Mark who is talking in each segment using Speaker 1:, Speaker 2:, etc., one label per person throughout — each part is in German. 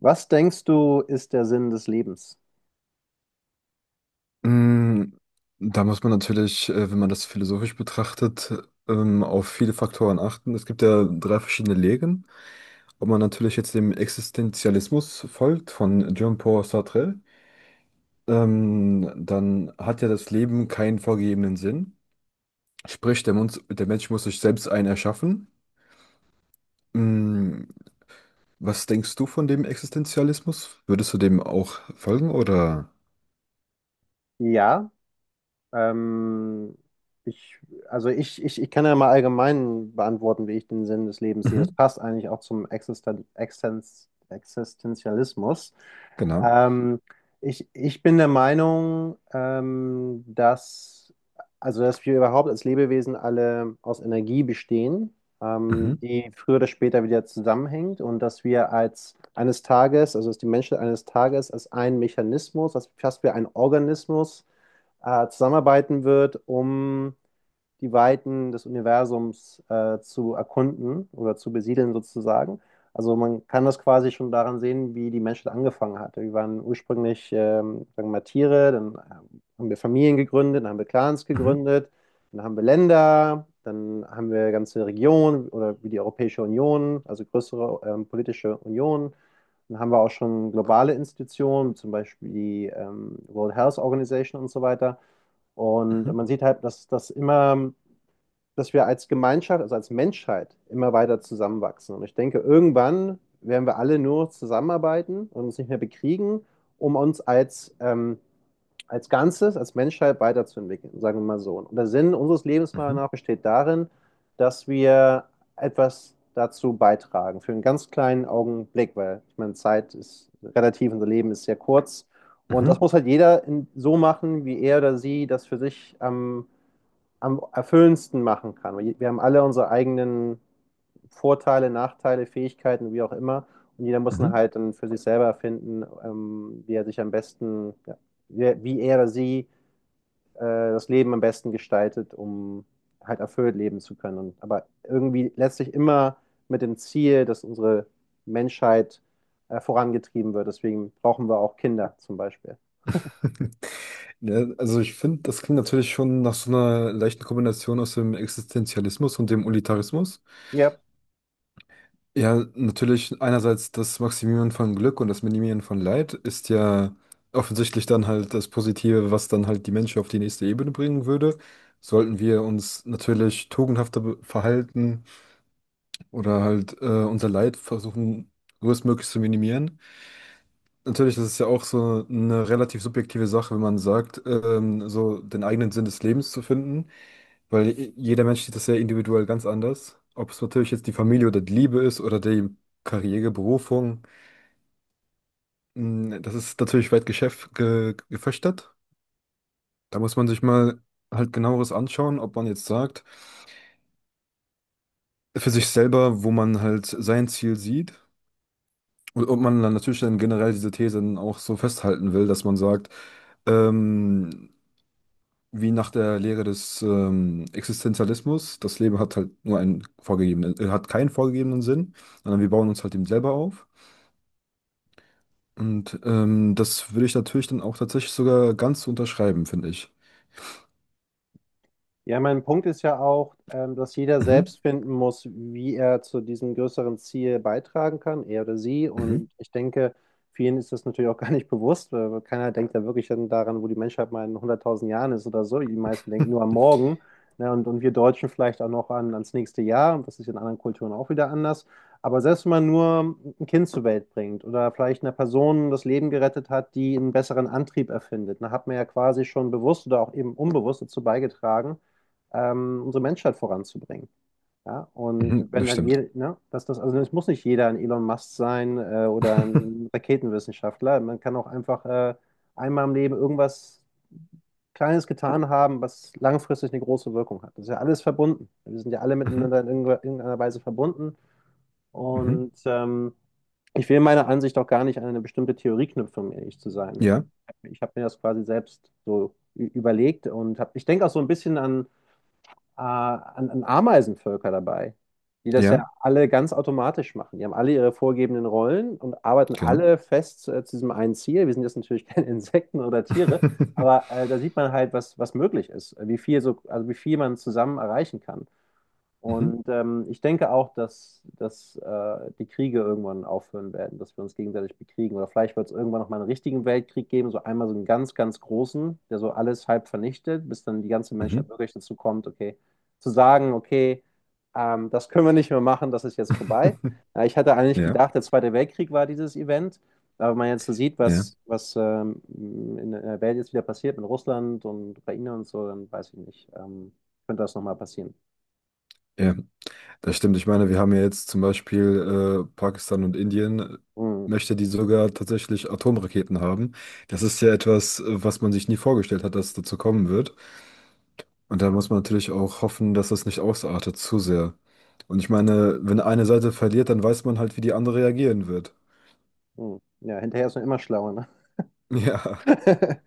Speaker 1: Was denkst du, ist der Sinn des Lebens?
Speaker 2: Mm, Da muss man natürlich, wenn man das philosophisch betrachtet, auf viele Faktoren achten. Es gibt ja drei verschiedene Lehren. Ob man natürlich jetzt dem Existenzialismus folgt von Jean-Paul Sartre, dann hat ja das Leben keinen vorgegebenen Sinn. Sprich, der Mensch muss sich selbst einen erschaffen. Mm, Was denkst du von dem Existenzialismus? Würdest du dem auch folgen oder?
Speaker 1: Ja, ähm, ich, also ich kann ja mal allgemein beantworten, wie ich den Sinn des Lebens sehe. Das
Speaker 2: Mhm,
Speaker 1: passt eigentlich auch zum Existenzialismus.
Speaker 2: genau.
Speaker 1: Ähm, ich bin der Meinung, also dass wir überhaupt als Lebewesen alle aus Energie bestehen,
Speaker 2: Mhm,
Speaker 1: die früher oder später wieder zusammenhängt und dass wir als eines Tages, also dass die Menschen eines Tages als ein Mechanismus, als fast wie ein Organismus zusammenarbeiten wird, um die Weiten des Universums zu erkunden oder zu besiedeln sozusagen. Also man kann das quasi schon daran sehen, wie die Menschheit angefangen hat. Wir waren ursprünglich, sagen wir mal, Tiere, dann haben wir Familien gegründet, dann haben wir Clans
Speaker 2: mhm,
Speaker 1: gegründet, dann haben wir Länder, dann haben wir ganze Regionen oder wie die Europäische Union, also größere politische Unionen. Dann haben wir auch schon globale Institutionen, zum Beispiel die World Health Organization und so weiter. Und
Speaker 2: mhm,
Speaker 1: man sieht halt, dass das immer dass wir als Gemeinschaft, also als Menschheit immer weiter zusammenwachsen. Und ich denke, irgendwann werden wir alle nur zusammenarbeiten und uns nicht mehr bekriegen, um uns als Ganzes, als Menschheit weiterzuentwickeln, sagen wir mal so. Und der Sinn unseres Lebens meiner
Speaker 2: mhm,
Speaker 1: Meinung nach besteht darin, dass wir etwas dazu beitragen, für einen ganz kleinen Augenblick, weil ich meine, Zeit ist relativ, unser Leben ist sehr kurz. Und das
Speaker 2: mhm,
Speaker 1: muss halt jeder so machen, wie er oder sie das für sich am erfüllendsten machen kann. Wir haben alle unsere eigenen Vorteile, Nachteile, Fähigkeiten, wie auch immer. Und jeder muss
Speaker 2: mhm.
Speaker 1: dann halt dann für sich selber erfinden, wie er sich am besten, ja, wie er oder sie das Leben am besten gestaltet, um halt erfüllt leben zu können. Und, aber irgendwie letztlich immer mit dem Ziel, dass unsere Menschheit vorangetrieben wird. Deswegen brauchen wir auch Kinder zum Beispiel.
Speaker 2: Ja, also ich finde, das klingt natürlich schon nach so einer leichten Kombination aus dem Existenzialismus und dem Utilitarismus.
Speaker 1: Ja.
Speaker 2: Ja, natürlich einerseits das Maximieren von Glück und das Minimieren von Leid ist ja offensichtlich dann halt das Positive, was dann halt die Menschen auf die nächste Ebene bringen würde. Sollten wir uns natürlich tugendhafter verhalten oder halt unser Leid versuchen, größtmöglich zu minimieren. Natürlich, das ist ja auch so eine relativ subjektive Sache, wenn man sagt, so den eigenen Sinn des Lebens zu finden. Weil jeder Mensch sieht das ja individuell ganz anders. Ob es natürlich jetzt die Familie oder die Liebe ist oder die Karriere, Berufung, das ist natürlich weit gefächert. Da muss man sich mal halt genaueres anschauen, ob man jetzt sagt, für sich selber, wo man halt sein Ziel sieht. Und ob man dann natürlich dann generell diese These dann auch so festhalten will, dass man sagt, ähm, wie nach der Lehre des Existenzialismus, das Leben hat halt nur einen vorgegebenen, hat keinen vorgegebenen Sinn, sondern wir bauen uns halt eben selber auf. Und das würde ich natürlich dann auch tatsächlich sogar ganz unterschreiben, finde ich.
Speaker 1: Ja, mein Punkt ist ja auch, dass jeder
Speaker 2: Mhm,
Speaker 1: selbst finden muss, wie er zu diesem größeren Ziel beitragen kann, er oder sie.
Speaker 2: mhm.
Speaker 1: Und ich denke, vielen ist das natürlich auch gar nicht bewusst. Weil keiner denkt da wirklich dann daran, wo die Menschheit mal in 100.000 Jahren ist oder so. Die meisten denken nur am Morgen. Ne? Und wir Deutschen vielleicht auch noch ans nächste Jahr. Und das ist in anderen Kulturen auch wieder anders. Aber selbst wenn man nur ein Kind zur Welt bringt oder vielleicht eine Person das Leben gerettet hat, die einen besseren Antrieb erfindet, dann hat man ja quasi schon bewusst oder auch eben unbewusst dazu beigetragen, unsere Menschheit voranzubringen. Ja?
Speaker 2: Hm.
Speaker 1: Und
Speaker 2: Mhm,
Speaker 1: wenn
Speaker 2: das
Speaker 1: dann
Speaker 2: stimmt.
Speaker 1: jeder, ne, dass das, also es muss nicht jeder ein Elon Musk sein oder ein Raketenwissenschaftler. Man kann auch einfach einmal im Leben irgendwas Kleines getan haben, was langfristig eine große Wirkung hat. Das ist ja alles verbunden. Wir sind ja alle
Speaker 2: Mhm,
Speaker 1: miteinander in irgendeiner Weise verbunden.
Speaker 2: mhm,
Speaker 1: Und ich will meiner Ansicht auch gar nicht an eine bestimmte Theorie knüpfen, um ehrlich zu sein.
Speaker 2: ja,
Speaker 1: Ich habe mir das quasi selbst so überlegt und hab, ich denke auch so ein bisschen an an Ameisenvölker dabei, die das
Speaker 2: ja,
Speaker 1: ja alle ganz automatisch machen. Die haben alle ihre vorgegebenen Rollen und arbeiten
Speaker 2: genau.
Speaker 1: alle fest zu diesem einen Ziel. Wir sind jetzt natürlich keine Insekten oder Tiere, aber da sieht man halt, was möglich ist, wie viel so, also wie viel man zusammen erreichen kann.
Speaker 2: Mhm,
Speaker 1: Und ich denke auch, dass die Kriege irgendwann aufhören werden, dass wir uns gegenseitig bekriegen. Oder vielleicht wird es irgendwann noch mal einen richtigen Weltkrieg geben, so einmal so einen ganz, ganz großen, der so alles halb vernichtet, bis dann die ganze
Speaker 2: mhm.
Speaker 1: Menschheit wirklich dazu kommt, okay, zu sagen, okay, das können wir nicht mehr machen, das ist jetzt vorbei. Ja, ich hatte eigentlich
Speaker 2: Ja,
Speaker 1: gedacht, der Zweite Weltkrieg war dieses Event, aber wenn man jetzt so sieht,
Speaker 2: ja,
Speaker 1: was in der Welt jetzt wieder passiert mit Russland und Ukraine und so, dann weiß ich nicht, könnte das nochmal passieren.
Speaker 2: ja. Das stimmt, ich meine, wir haben ja jetzt zum Beispiel Pakistan und Indien,
Speaker 1: Mm.
Speaker 2: möchte die sogar tatsächlich Atomraketen haben. Das ist ja etwas, was man sich nie vorgestellt hat, dass es dazu kommen wird. Und da muss man natürlich auch hoffen, dass das nicht ausartet zu sehr. Und ich meine, wenn eine Seite verliert, dann weiß man halt, wie die andere reagieren wird.
Speaker 1: Hm. Ja, hinterher ist man immer schlauer, ne?
Speaker 2: Ja,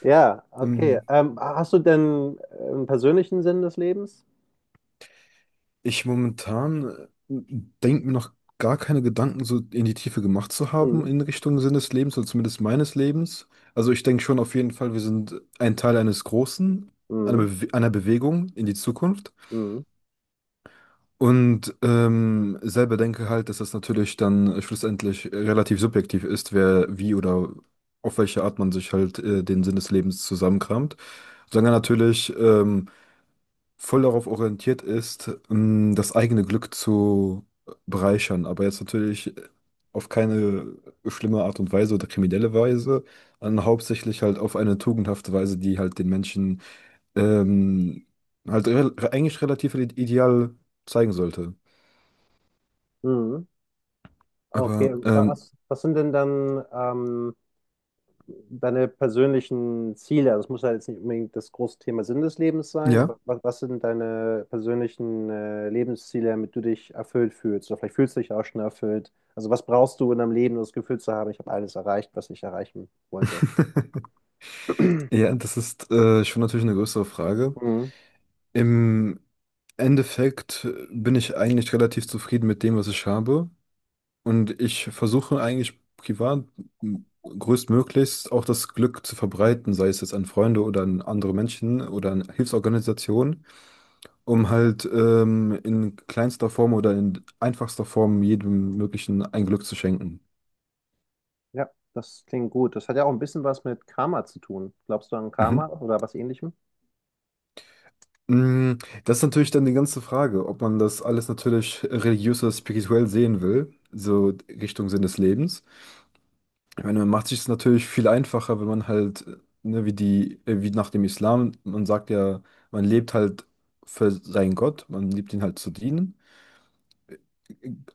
Speaker 1: Ja, okay.
Speaker 2: ähm,
Speaker 1: Hast du denn einen persönlichen Sinn des Lebens?
Speaker 2: ich momentan denke mir noch gar keine Gedanken so in die Tiefe gemacht zu haben
Speaker 1: Mhm.
Speaker 2: in Richtung Sinn des Lebens oder zumindest meines Lebens. Also ich denke schon auf jeden Fall, wir sind ein Teil eines Großen,
Speaker 1: Mhm.
Speaker 2: Einer Bewegung in die Zukunft.
Speaker 1: Mhm.
Speaker 2: Und selber denke halt, dass das natürlich dann schlussendlich relativ subjektiv ist, wer wie oder auf welche Art man sich halt den Sinn des Lebens zusammenkramt. Solange natürlich voll darauf orientiert ist, das eigene Glück zu bereichern, aber jetzt natürlich auf keine schlimme Art und Weise oder kriminelle Weise, sondern hauptsächlich halt auf eine tugendhafte Weise, die halt den Menschen ähm, halt re eigentlich relativ ideal zeigen sollte.
Speaker 1: Mhm. Okay,
Speaker 2: Aber
Speaker 1: was sind denn dann deine persönlichen Ziele? Also es muss ja jetzt nicht unbedingt das große Thema Sinn des Lebens sein,
Speaker 2: ja,
Speaker 1: aber was sind deine persönlichen Lebensziele, damit du dich erfüllt fühlst? Oder vielleicht fühlst du dich auch schon erfüllt. Also was brauchst du in deinem Leben, um das Gefühl zu haben, ich habe alles erreicht, was ich erreichen wollte?
Speaker 2: ja, das ist schon natürlich eine größere Frage.
Speaker 1: Mhm.
Speaker 2: Im Endeffekt bin ich eigentlich relativ zufrieden mit dem, was ich habe. Und ich versuche eigentlich privat größtmöglichst auch das Glück zu verbreiten, sei es jetzt an Freunde oder an andere Menschen oder an Hilfsorganisationen, um halt in kleinster Form oder in einfachster Form jedem möglichen ein Glück zu schenken.
Speaker 1: Ja, das klingt gut. Das hat ja auch ein bisschen was mit Karma zu tun. Glaubst du an Karma
Speaker 2: Mhm.
Speaker 1: oder was Ähnlichem?
Speaker 2: Mm, Das ist natürlich dann die ganze Frage, ob man das alles natürlich religiös oder spirituell sehen will, so Richtung Sinn des Lebens. Ich meine, man macht sich es natürlich viel einfacher, wenn man halt, ne, wie nach dem Islam, man sagt ja, man lebt halt für seinen Gott, man liebt ihn halt zu dienen.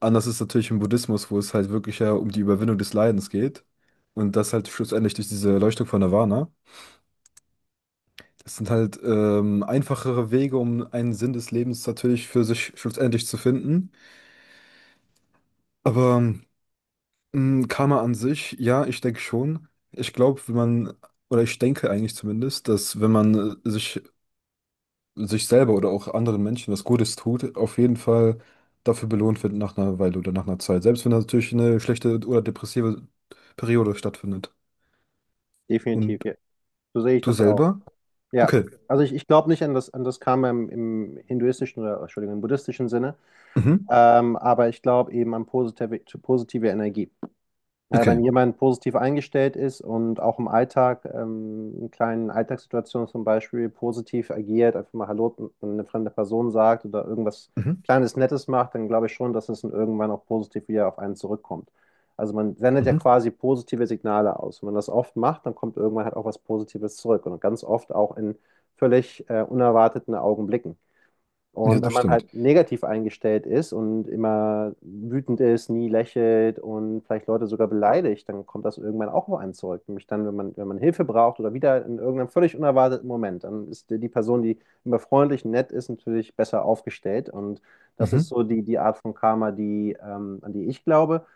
Speaker 2: Anders ist natürlich im Buddhismus, wo es halt wirklich ja um die Überwindung des Leidens geht. Und das halt schlussendlich durch diese Erleuchtung von Nirvana. Das sind halt einfachere Wege, um einen Sinn des Lebens natürlich für sich schlussendlich zu finden. Aber Karma an sich, ja, ich denke schon. Ich glaube, wenn man, oder ich denke eigentlich zumindest, dass wenn man äh, sich, sich selber oder auch anderen Menschen was Gutes tut, auf jeden Fall dafür belohnt wird nach einer Weile oder nach einer Zeit. Selbst wenn natürlich eine schlechte oder depressive Periode stattfindet.
Speaker 1: Definitiv,
Speaker 2: Und
Speaker 1: ja. So sehe ich
Speaker 2: du
Speaker 1: das auch.
Speaker 2: selber?
Speaker 1: Ja,
Speaker 2: Okay.
Speaker 1: also ich glaube nicht an an das Karma im hinduistischen oder, Entschuldigung, im buddhistischen Sinne,
Speaker 2: Mhm.
Speaker 1: aber ich glaube eben an positive Energie. Wenn
Speaker 2: Okay.
Speaker 1: jemand positiv eingestellt ist und auch im Alltag, in kleinen Alltagssituationen zum Beispiel, positiv agiert, einfach mal Hallo an eine fremde Person sagt oder irgendwas
Speaker 2: Mhm.
Speaker 1: Kleines Nettes macht, dann glaube ich schon, dass es dann irgendwann auch positiv wieder auf einen zurückkommt. Also man sendet ja
Speaker 2: Mhm.
Speaker 1: quasi positive Signale aus. Wenn man das oft macht, dann kommt irgendwann halt auch was Positives zurück und ganz oft auch in völlig unerwarteten Augenblicken.
Speaker 2: Ja,
Speaker 1: Und wenn
Speaker 2: das
Speaker 1: man halt
Speaker 2: stimmt.
Speaker 1: negativ eingestellt ist und immer wütend ist, nie lächelt und vielleicht Leute sogar beleidigt, dann kommt das irgendwann auch auf einen zurück. Nämlich dann, wenn man Hilfe braucht oder wieder in irgendeinem völlig unerwarteten Moment, dann ist die Person, die immer freundlich, nett ist, natürlich besser aufgestellt. Und das ist
Speaker 2: Mhm.
Speaker 1: so die Art von Karma, an die ich glaube.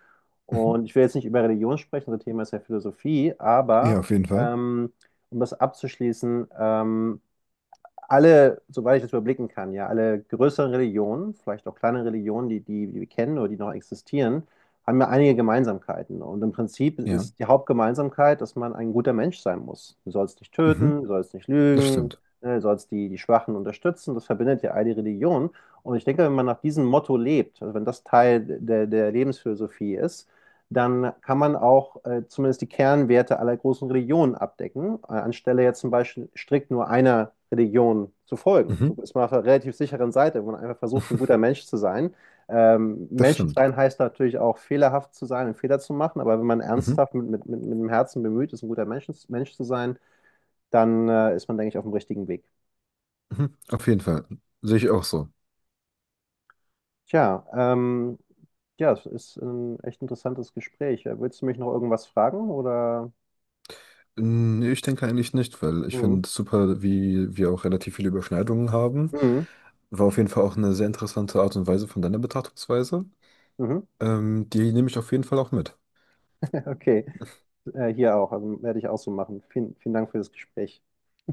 Speaker 2: Mhm.
Speaker 1: Und ich will jetzt nicht über Religion sprechen, das Thema ist ja Philosophie,
Speaker 2: Ja,
Speaker 1: aber
Speaker 2: auf jeden Fall.
Speaker 1: ähm, um das abzuschließen, alle, soweit ich das überblicken kann, ja, alle größeren Religionen, vielleicht auch kleine Religionen, die wir kennen oder die noch existieren, haben ja einige Gemeinsamkeiten. Und im Prinzip
Speaker 2: Ja.
Speaker 1: ist die Hauptgemeinsamkeit, dass man ein guter Mensch sein muss. Du sollst nicht
Speaker 2: Mhm.
Speaker 1: töten, du sollst nicht
Speaker 2: Das
Speaker 1: lügen,
Speaker 2: stimmt.
Speaker 1: ne, du sollst die Schwachen unterstützen. Das verbindet ja all die Religionen. Und ich denke, wenn man nach diesem Motto lebt, also wenn das Teil der Lebensphilosophie ist, dann kann man auch zumindest die Kernwerte aller großen Religionen abdecken, anstelle jetzt zum Beispiel strikt nur einer Religion zu folgen. So
Speaker 2: Mhm.
Speaker 1: ist man auf einer relativ sicheren Seite, wenn man einfach versucht, ein guter Mensch zu sein.
Speaker 2: Das
Speaker 1: Mensch zu
Speaker 2: stimmt.
Speaker 1: sein heißt natürlich auch, fehlerhaft zu sein und Fehler zu machen, aber wenn man
Speaker 2: Mhm.
Speaker 1: ernsthaft mit dem Herzen bemüht ist, ein guter Mensch zu sein, dann ist man, denke ich, auf dem richtigen Weg.
Speaker 2: Mhm. Auf jeden Fall. Sehe ich auch so.
Speaker 1: Tja, ja, es ist ein echt interessantes Gespräch. Willst du mich noch irgendwas fragen oder?
Speaker 2: Nee, ich denke eigentlich nicht, weil ich
Speaker 1: Mhm.
Speaker 2: finde super, wie wir auch relativ viele Überschneidungen haben.
Speaker 1: Mhm.
Speaker 2: War auf jeden Fall auch eine sehr interessante Art und Weise von deiner Betrachtungsweise.
Speaker 1: Mhm.
Speaker 2: Die nehme ich auf jeden Fall auch mit.
Speaker 1: Okay, hier auch. Also werde ich auch so machen. Vielen, vielen Dank für das Gespräch.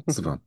Speaker 2: Super.